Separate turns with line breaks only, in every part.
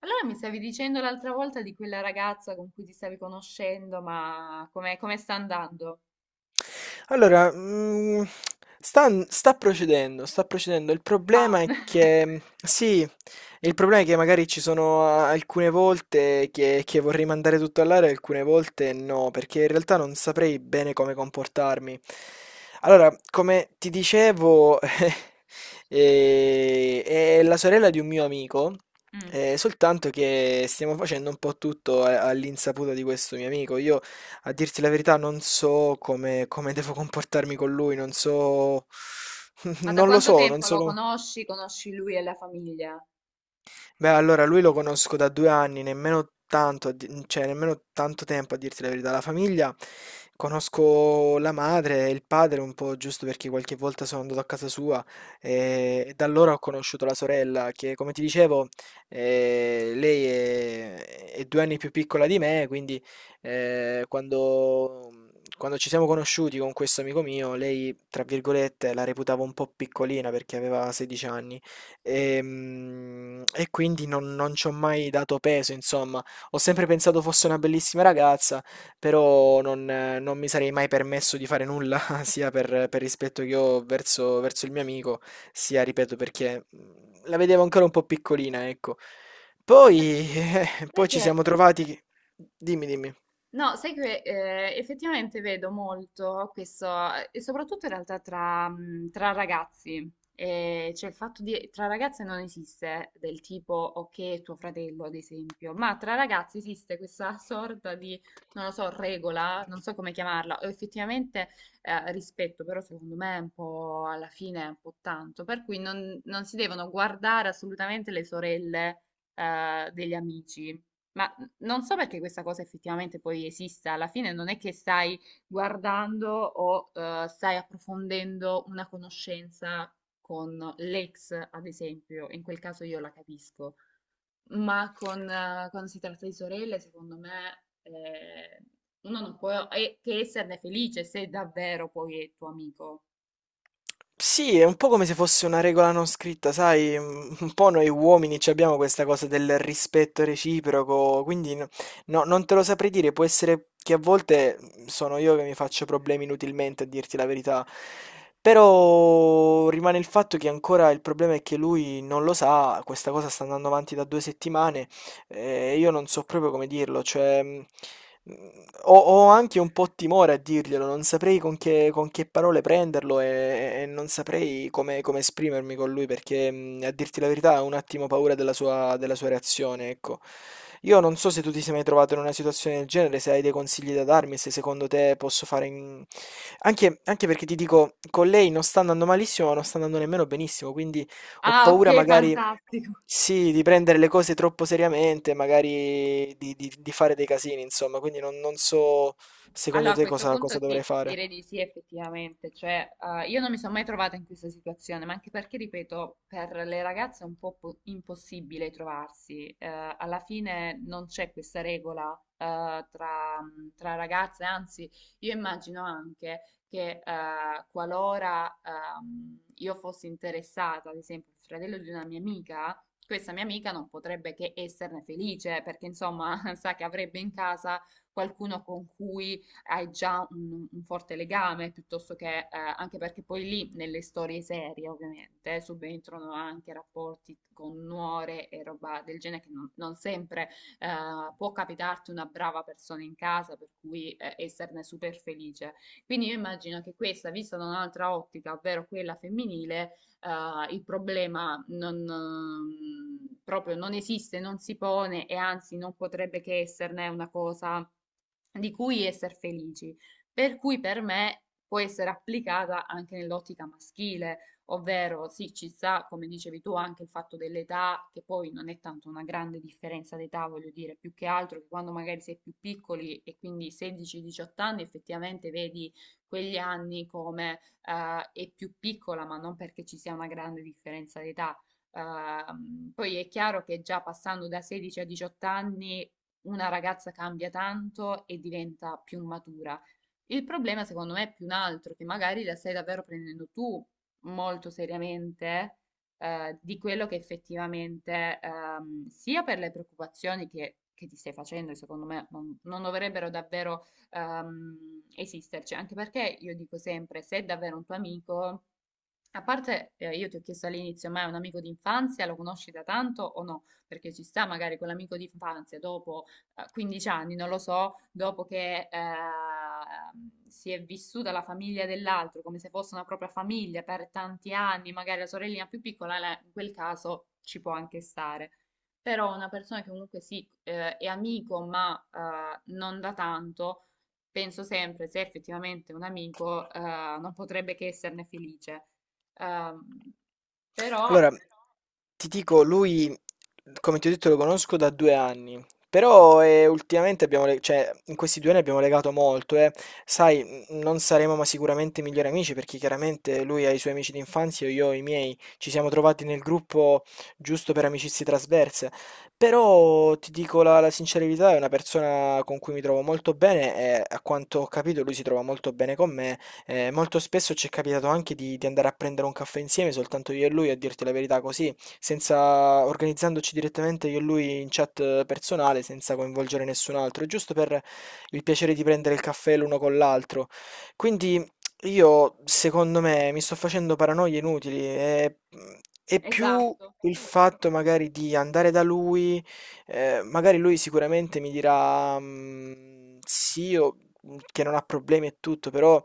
Allora mi stavi dicendo l'altra volta di quella ragazza con cui ti stavi conoscendo, ma com'è, come sta andando?
Allora, sta procedendo, sta procedendo. Il
Va.
problema è che sì, il problema è che magari ci sono a alcune volte che vorrei mandare tutto all'aria e alcune volte no, perché in realtà non saprei bene come comportarmi. Allora, come ti dicevo, è la sorella di un mio amico,
Mm.
soltanto che stiamo facendo un po' tutto a all'insaputa di questo mio amico. Io, a dirti la verità, non so come devo comportarmi con lui, non so...
Ma da
Non lo
quanto
so, non
tempo
so
lo
come...
conosci? Conosci lui e la famiglia?
Beh, allora lui lo conosco da 2 anni, nemmeno tanto, cioè nemmeno tanto tempo a dirti la verità. La famiglia, conosco la madre e il padre un po', giusto perché qualche volta sono andato a casa sua. E da allora ho conosciuto la sorella che, come ti dicevo, lei è 2 anni più piccola di me, quindi quando... Quando ci siamo conosciuti con questo amico mio, lei, tra virgolette, la reputavo un po' piccolina perché aveva 16 anni. E quindi non ci ho mai dato peso, insomma. Ho sempre pensato fosse una bellissima ragazza, però non mi sarei mai permesso di fare nulla, sia per rispetto che ho verso il mio amico, sia, ripeto, perché la vedevo ancora un po' piccolina, ecco.
Guarda,
Poi,
sai
poi ci
che
siamo trovati. Dimmi, dimmi.
No, sai che effettivamente vedo molto questo, e soprattutto in realtà tra, tra ragazzi. Cioè il fatto di tra ragazze non esiste del tipo ok, tuo fratello, ad esempio, ma tra ragazzi esiste questa sorta di, non lo so, regola, non so come chiamarla, o effettivamente rispetto, però secondo me è un po' alla fine è un po' tanto, per cui non si devono guardare assolutamente le sorelle degli amici. Ma non so perché questa cosa effettivamente poi esista, alla fine non è che stai guardando o stai approfondendo una conoscenza con l'ex, ad esempio, in quel caso io la capisco, ma con, quando si tratta di sorelle, secondo me, uno non può che esserne felice se davvero poi è tuo amico.
Sì, è un po' come se fosse una regola non scritta, sai, un po' noi uomini ci abbiamo questa cosa del rispetto reciproco, quindi no, non te lo saprei dire, può essere che a volte sono io che mi faccio problemi inutilmente a dirti la verità, però rimane il fatto che ancora il problema è che lui non lo sa. Questa cosa sta andando avanti da 2 settimane. Io non so proprio come dirlo, cioè, mh, ho anche un po' timore a dirglielo, non saprei con che parole prenderlo e non saprei come esprimermi con lui, perché, a dirti la verità, ho un attimo paura della sua reazione, ecco. Io non so se tu ti sei mai trovato in una situazione del genere, se hai dei consigli da darmi, se secondo te posso fare in... Anche, anche perché ti dico, con lei non sta andando malissimo, ma non sta andando nemmeno benissimo, quindi... Ho
Ah,
paura
ok,
magari,
fantastico.
sì, di prendere le cose troppo seriamente, magari di fare dei casini, insomma, quindi non so
Allora,
secondo
a
te
questo
cosa
punto
dovrei
sì,
fare.
direi di sì effettivamente, cioè io non mi sono mai trovata in questa situazione, ma anche perché, ripeto, per le ragazze è un po' impossibile trovarsi. Alla fine non c'è questa regola tra, tra ragazze, anzi io immagino anche che qualora io fossi interessata, ad esempio, al fratello di una mia amica, questa mia amica non potrebbe che esserne felice, perché insomma sa che avrebbe in casa qualcuno con cui hai già un forte legame, piuttosto che anche perché poi lì nelle storie serie ovviamente subentrano anche rapporti con nuore e roba del genere che non sempre può capitarti una brava persona in casa, per cui esserne super felice. Quindi io immagino che questa, vista da un'altra ottica, ovvero quella femminile, il problema non, proprio non esiste, non si pone e anzi non potrebbe che esserne una cosa di cui essere felici. Per cui per me può essere applicata anche nell'ottica maschile, ovvero sì, ci sta, come dicevi tu, anche il fatto dell'età, che poi non è tanto una grande differenza d'età, voglio dire, più che altro che quando magari sei più piccoli e quindi 16-18 anni effettivamente vedi quegli anni come è più piccola, ma non perché ci sia una grande differenza d'età. Poi è chiaro che già passando da 16 a 18 anni una ragazza cambia tanto e diventa più matura. Il problema secondo me è più un altro, che magari la stai davvero prendendo tu molto seriamente di quello che effettivamente, sia per le preoccupazioni che ti stai facendo, che secondo me non dovrebbero davvero esisterci, anche perché io dico sempre, se è davvero un tuo amico a parte, io ti ho chiesto all'inizio, ma è un amico d'infanzia, lo conosci da tanto o no? Perché ci sta magari quell'amico d'infanzia dopo 15 anni, non lo so, dopo che si è vissuta la famiglia dell'altro come se fosse una propria famiglia per tanti anni, magari la sorellina più piccola, la- in quel caso ci può anche stare. Però una persona che comunque sì, è amico, ma non da tanto, penso sempre, se effettivamente è un amico, non potrebbe che esserne felice. Ehm, però,
Allora, ti dico, lui, come ti ho detto, lo conosco da 2 anni, però ultimamente abbiamo, cioè, in questi 2 anni abbiamo legato molto, eh. Sai, non saremo ma sicuramente migliori amici perché chiaramente lui ha i suoi amici d'infanzia e io ho i miei. Ci siamo trovati nel gruppo giusto per amicizie trasverse, però ti dico la sincerità, è una persona con cui mi trovo molto bene e a quanto ho capito lui si trova molto bene con me. Molto spesso ci è capitato anche di andare a prendere un caffè insieme, soltanto io e lui, a dirti la verità, così senza organizzandoci direttamente io e lui in chat personale, senza coinvolgere nessun altro, giusto per il piacere di prendere il caffè l'uno con l'altro. Quindi io, secondo me, mi sto facendo paranoie inutili. È più
esatto,
il fatto magari di andare da lui, magari lui sicuramente mi dirà, "Mm, sì, io- che non ha problemi e tutto", però...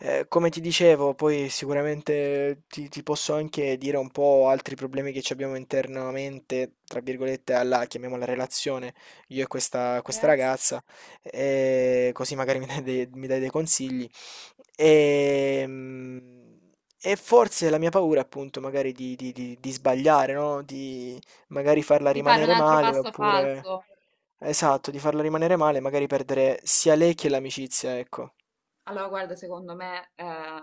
Come ti dicevo, poi sicuramente ti posso anche dire un po' altri problemi che ci abbiamo internamente, tra virgolette, alla, chiamiamola relazione, io e questa
eh,
ragazza, così magari mi dai dei consigli. Ehm, E forse la mia paura, appunto, magari di sbagliare, no? Di magari farla
di fare un
rimanere
altro
male,
passo
oppure...
falso.
Esatto, di farla rimanere male, magari perdere sia lei che l'amicizia, ecco.
Allora, guarda, secondo me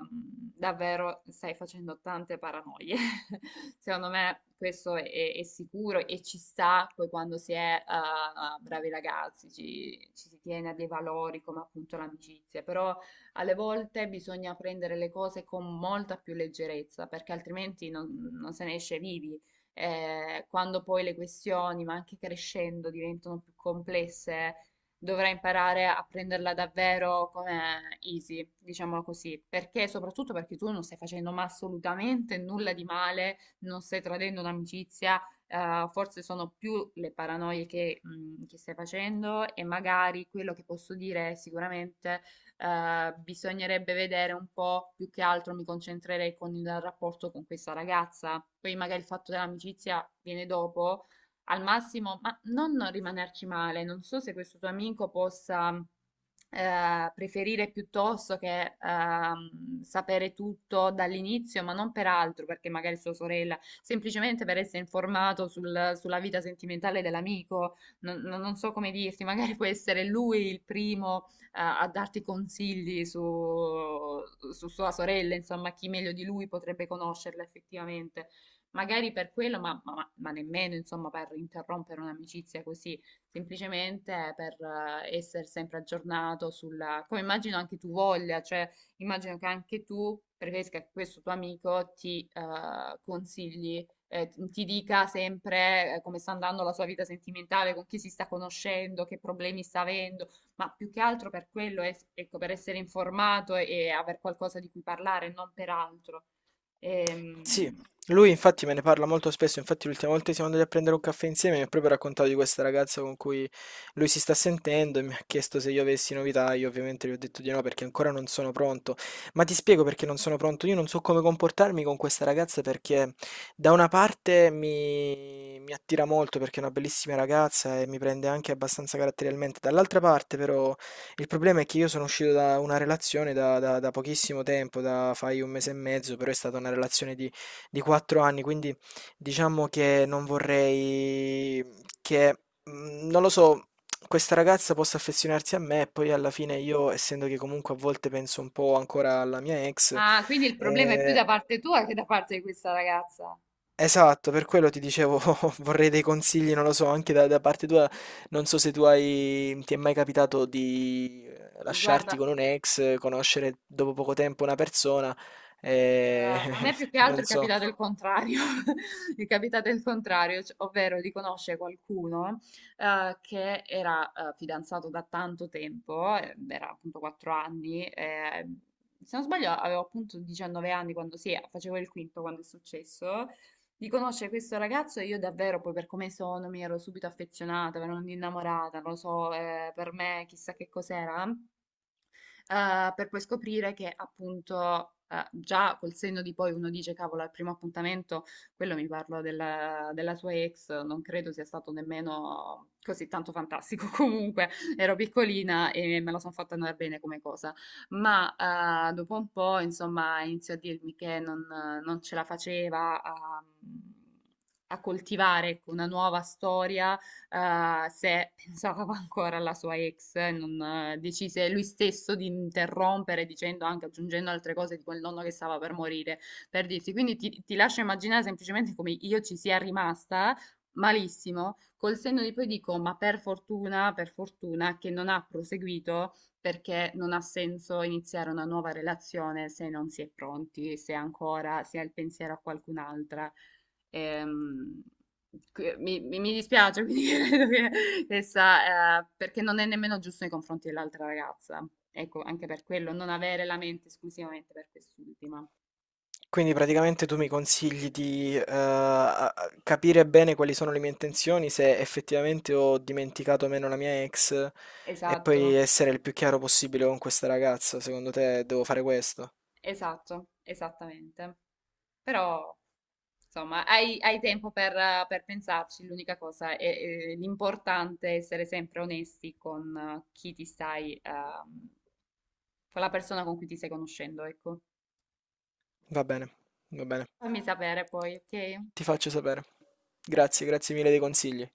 davvero stai facendo tante paranoie. Secondo me questo è sicuro e ci sta poi quando si è bravi ragazzi, ci si tiene a dei valori come appunto l'amicizia, però alle volte bisogna prendere le cose con molta più leggerezza perché altrimenti non, non se ne esce vivi. Quando poi le questioni, ma anche crescendo, diventano più complesse dovrà imparare a prenderla davvero come easy, diciamolo così, perché soprattutto perché tu non stai facendo ma assolutamente nulla di male, non stai tradendo un'amicizia, forse sono più le paranoie che stai facendo e magari quello che posso dire è sicuramente bisognerebbe vedere un po' più che altro mi concentrerei con il rapporto con questa ragazza, poi magari il fatto dell'amicizia viene dopo al massimo, ma non rimanerci male. Non so se questo tuo amico possa preferire piuttosto che sapere tutto dall'inizio, ma non per altro, perché magari sua sorella, semplicemente per essere informato sulla vita sentimentale dell'amico. Non so come dirti, magari può essere lui il primo a darti consigli su sua sorella, insomma, chi meglio di lui potrebbe conoscerla effettivamente magari per quello, ma nemmeno insomma per interrompere un'amicizia così, semplicemente per essere sempre aggiornato sulla, come immagino anche tu voglia, cioè immagino che anche tu preferisca che questo tuo amico ti consigli. Ti dica sempre come sta andando la sua vita sentimentale, con chi si sta conoscendo, che problemi sta avendo, ma più che altro per quello, ecco, per essere informato e aver qualcosa di cui parlare, non per altro.
Sì,
Ehm,
lui infatti me ne parla molto spesso. Infatti l'ultima volta che siamo andati a prendere un caffè insieme mi ha proprio raccontato di questa ragazza con cui lui si sta sentendo, e mi ha chiesto se io avessi novità. Io ovviamente gli ho detto di no perché ancora non sono pronto, ma ti spiego perché non sono pronto. Io non so come comportarmi con questa ragazza perché da una parte mi attira molto, perché è una bellissima ragazza e mi prende anche abbastanza caratterialmente, dall'altra parte però il problema è che io sono uscito da una relazione da, da pochissimo tempo, da fai un mese e mezzo, però è stata una relazione di 4 anni, quindi diciamo che non vorrei che, non lo so, questa ragazza possa affezionarsi a me e poi alla fine io, essendo che comunque a volte penso un po' ancora alla mia ex,
Ah, quindi il problema è più
ehm
da parte tua che da parte di questa ragazza.
esatto, per quello ti dicevo vorrei dei consigli, non lo so, anche da parte tua. Non so se tu hai ti è mai capitato di lasciarti
Guarda.
con un'ex, conoscere dopo poco tempo una persona, ehm,
A me più che altro
non
è
so.
capitato il contrario, è capitato il contrario, ovvero di conoscere qualcuno che era fidanzato da tanto tempo, era appunto 4 anni, se non sbaglio avevo appunto 19 anni quando sì, facevo il quinto quando è successo, di conoscere questo ragazzo e io davvero poi per come sono mi ero subito affezionata, mi ero innamorata, non lo so, per me chissà che cos'era per poi scoprire che appunto già col senno di poi uno dice, cavolo, al primo appuntamento, quello mi parlo della, della sua ex, non credo sia stato nemmeno così tanto fantastico. Comunque ero piccolina e me la sono fatta andare bene come cosa. Ma dopo un po', insomma, iniziò a dirmi che non ce la faceva a coltivare ecco, una nuova storia se pensava ancora alla sua ex, non, decise lui stesso di interrompere dicendo anche, aggiungendo altre cose di quel nonno che stava per morire, per dirti. Quindi ti lascio immaginare semplicemente come io ci sia rimasta malissimo, col senno di poi dico, ma per fortuna che non ha proseguito perché non ha senso iniziare una nuova relazione se non si è pronti, se ancora si ha il pensiero a qualcun'altra. Ehm, mi dispiace, quindi credo che essa, perché non è nemmeno giusto nei confronti dell'altra ragazza. Ecco, anche per quello, non avere la mente esclusivamente per quest'ultima.
Quindi praticamente tu mi consigli di, a capire bene quali sono le mie intenzioni, se effettivamente ho dimenticato o meno la mia ex, e poi
Esatto,
essere il più chiaro possibile con questa ragazza. Secondo te devo fare questo?
esatto, esattamente. Però, insomma, hai tempo per pensarci. L'importante è essere sempre onesti con chi ti stai, con la persona con cui ti stai conoscendo, ecco.
Va bene, va bene.
Fammi sapere poi, ok?
Ti faccio sapere. Grazie, grazie
Perfetto.
mille dei consigli.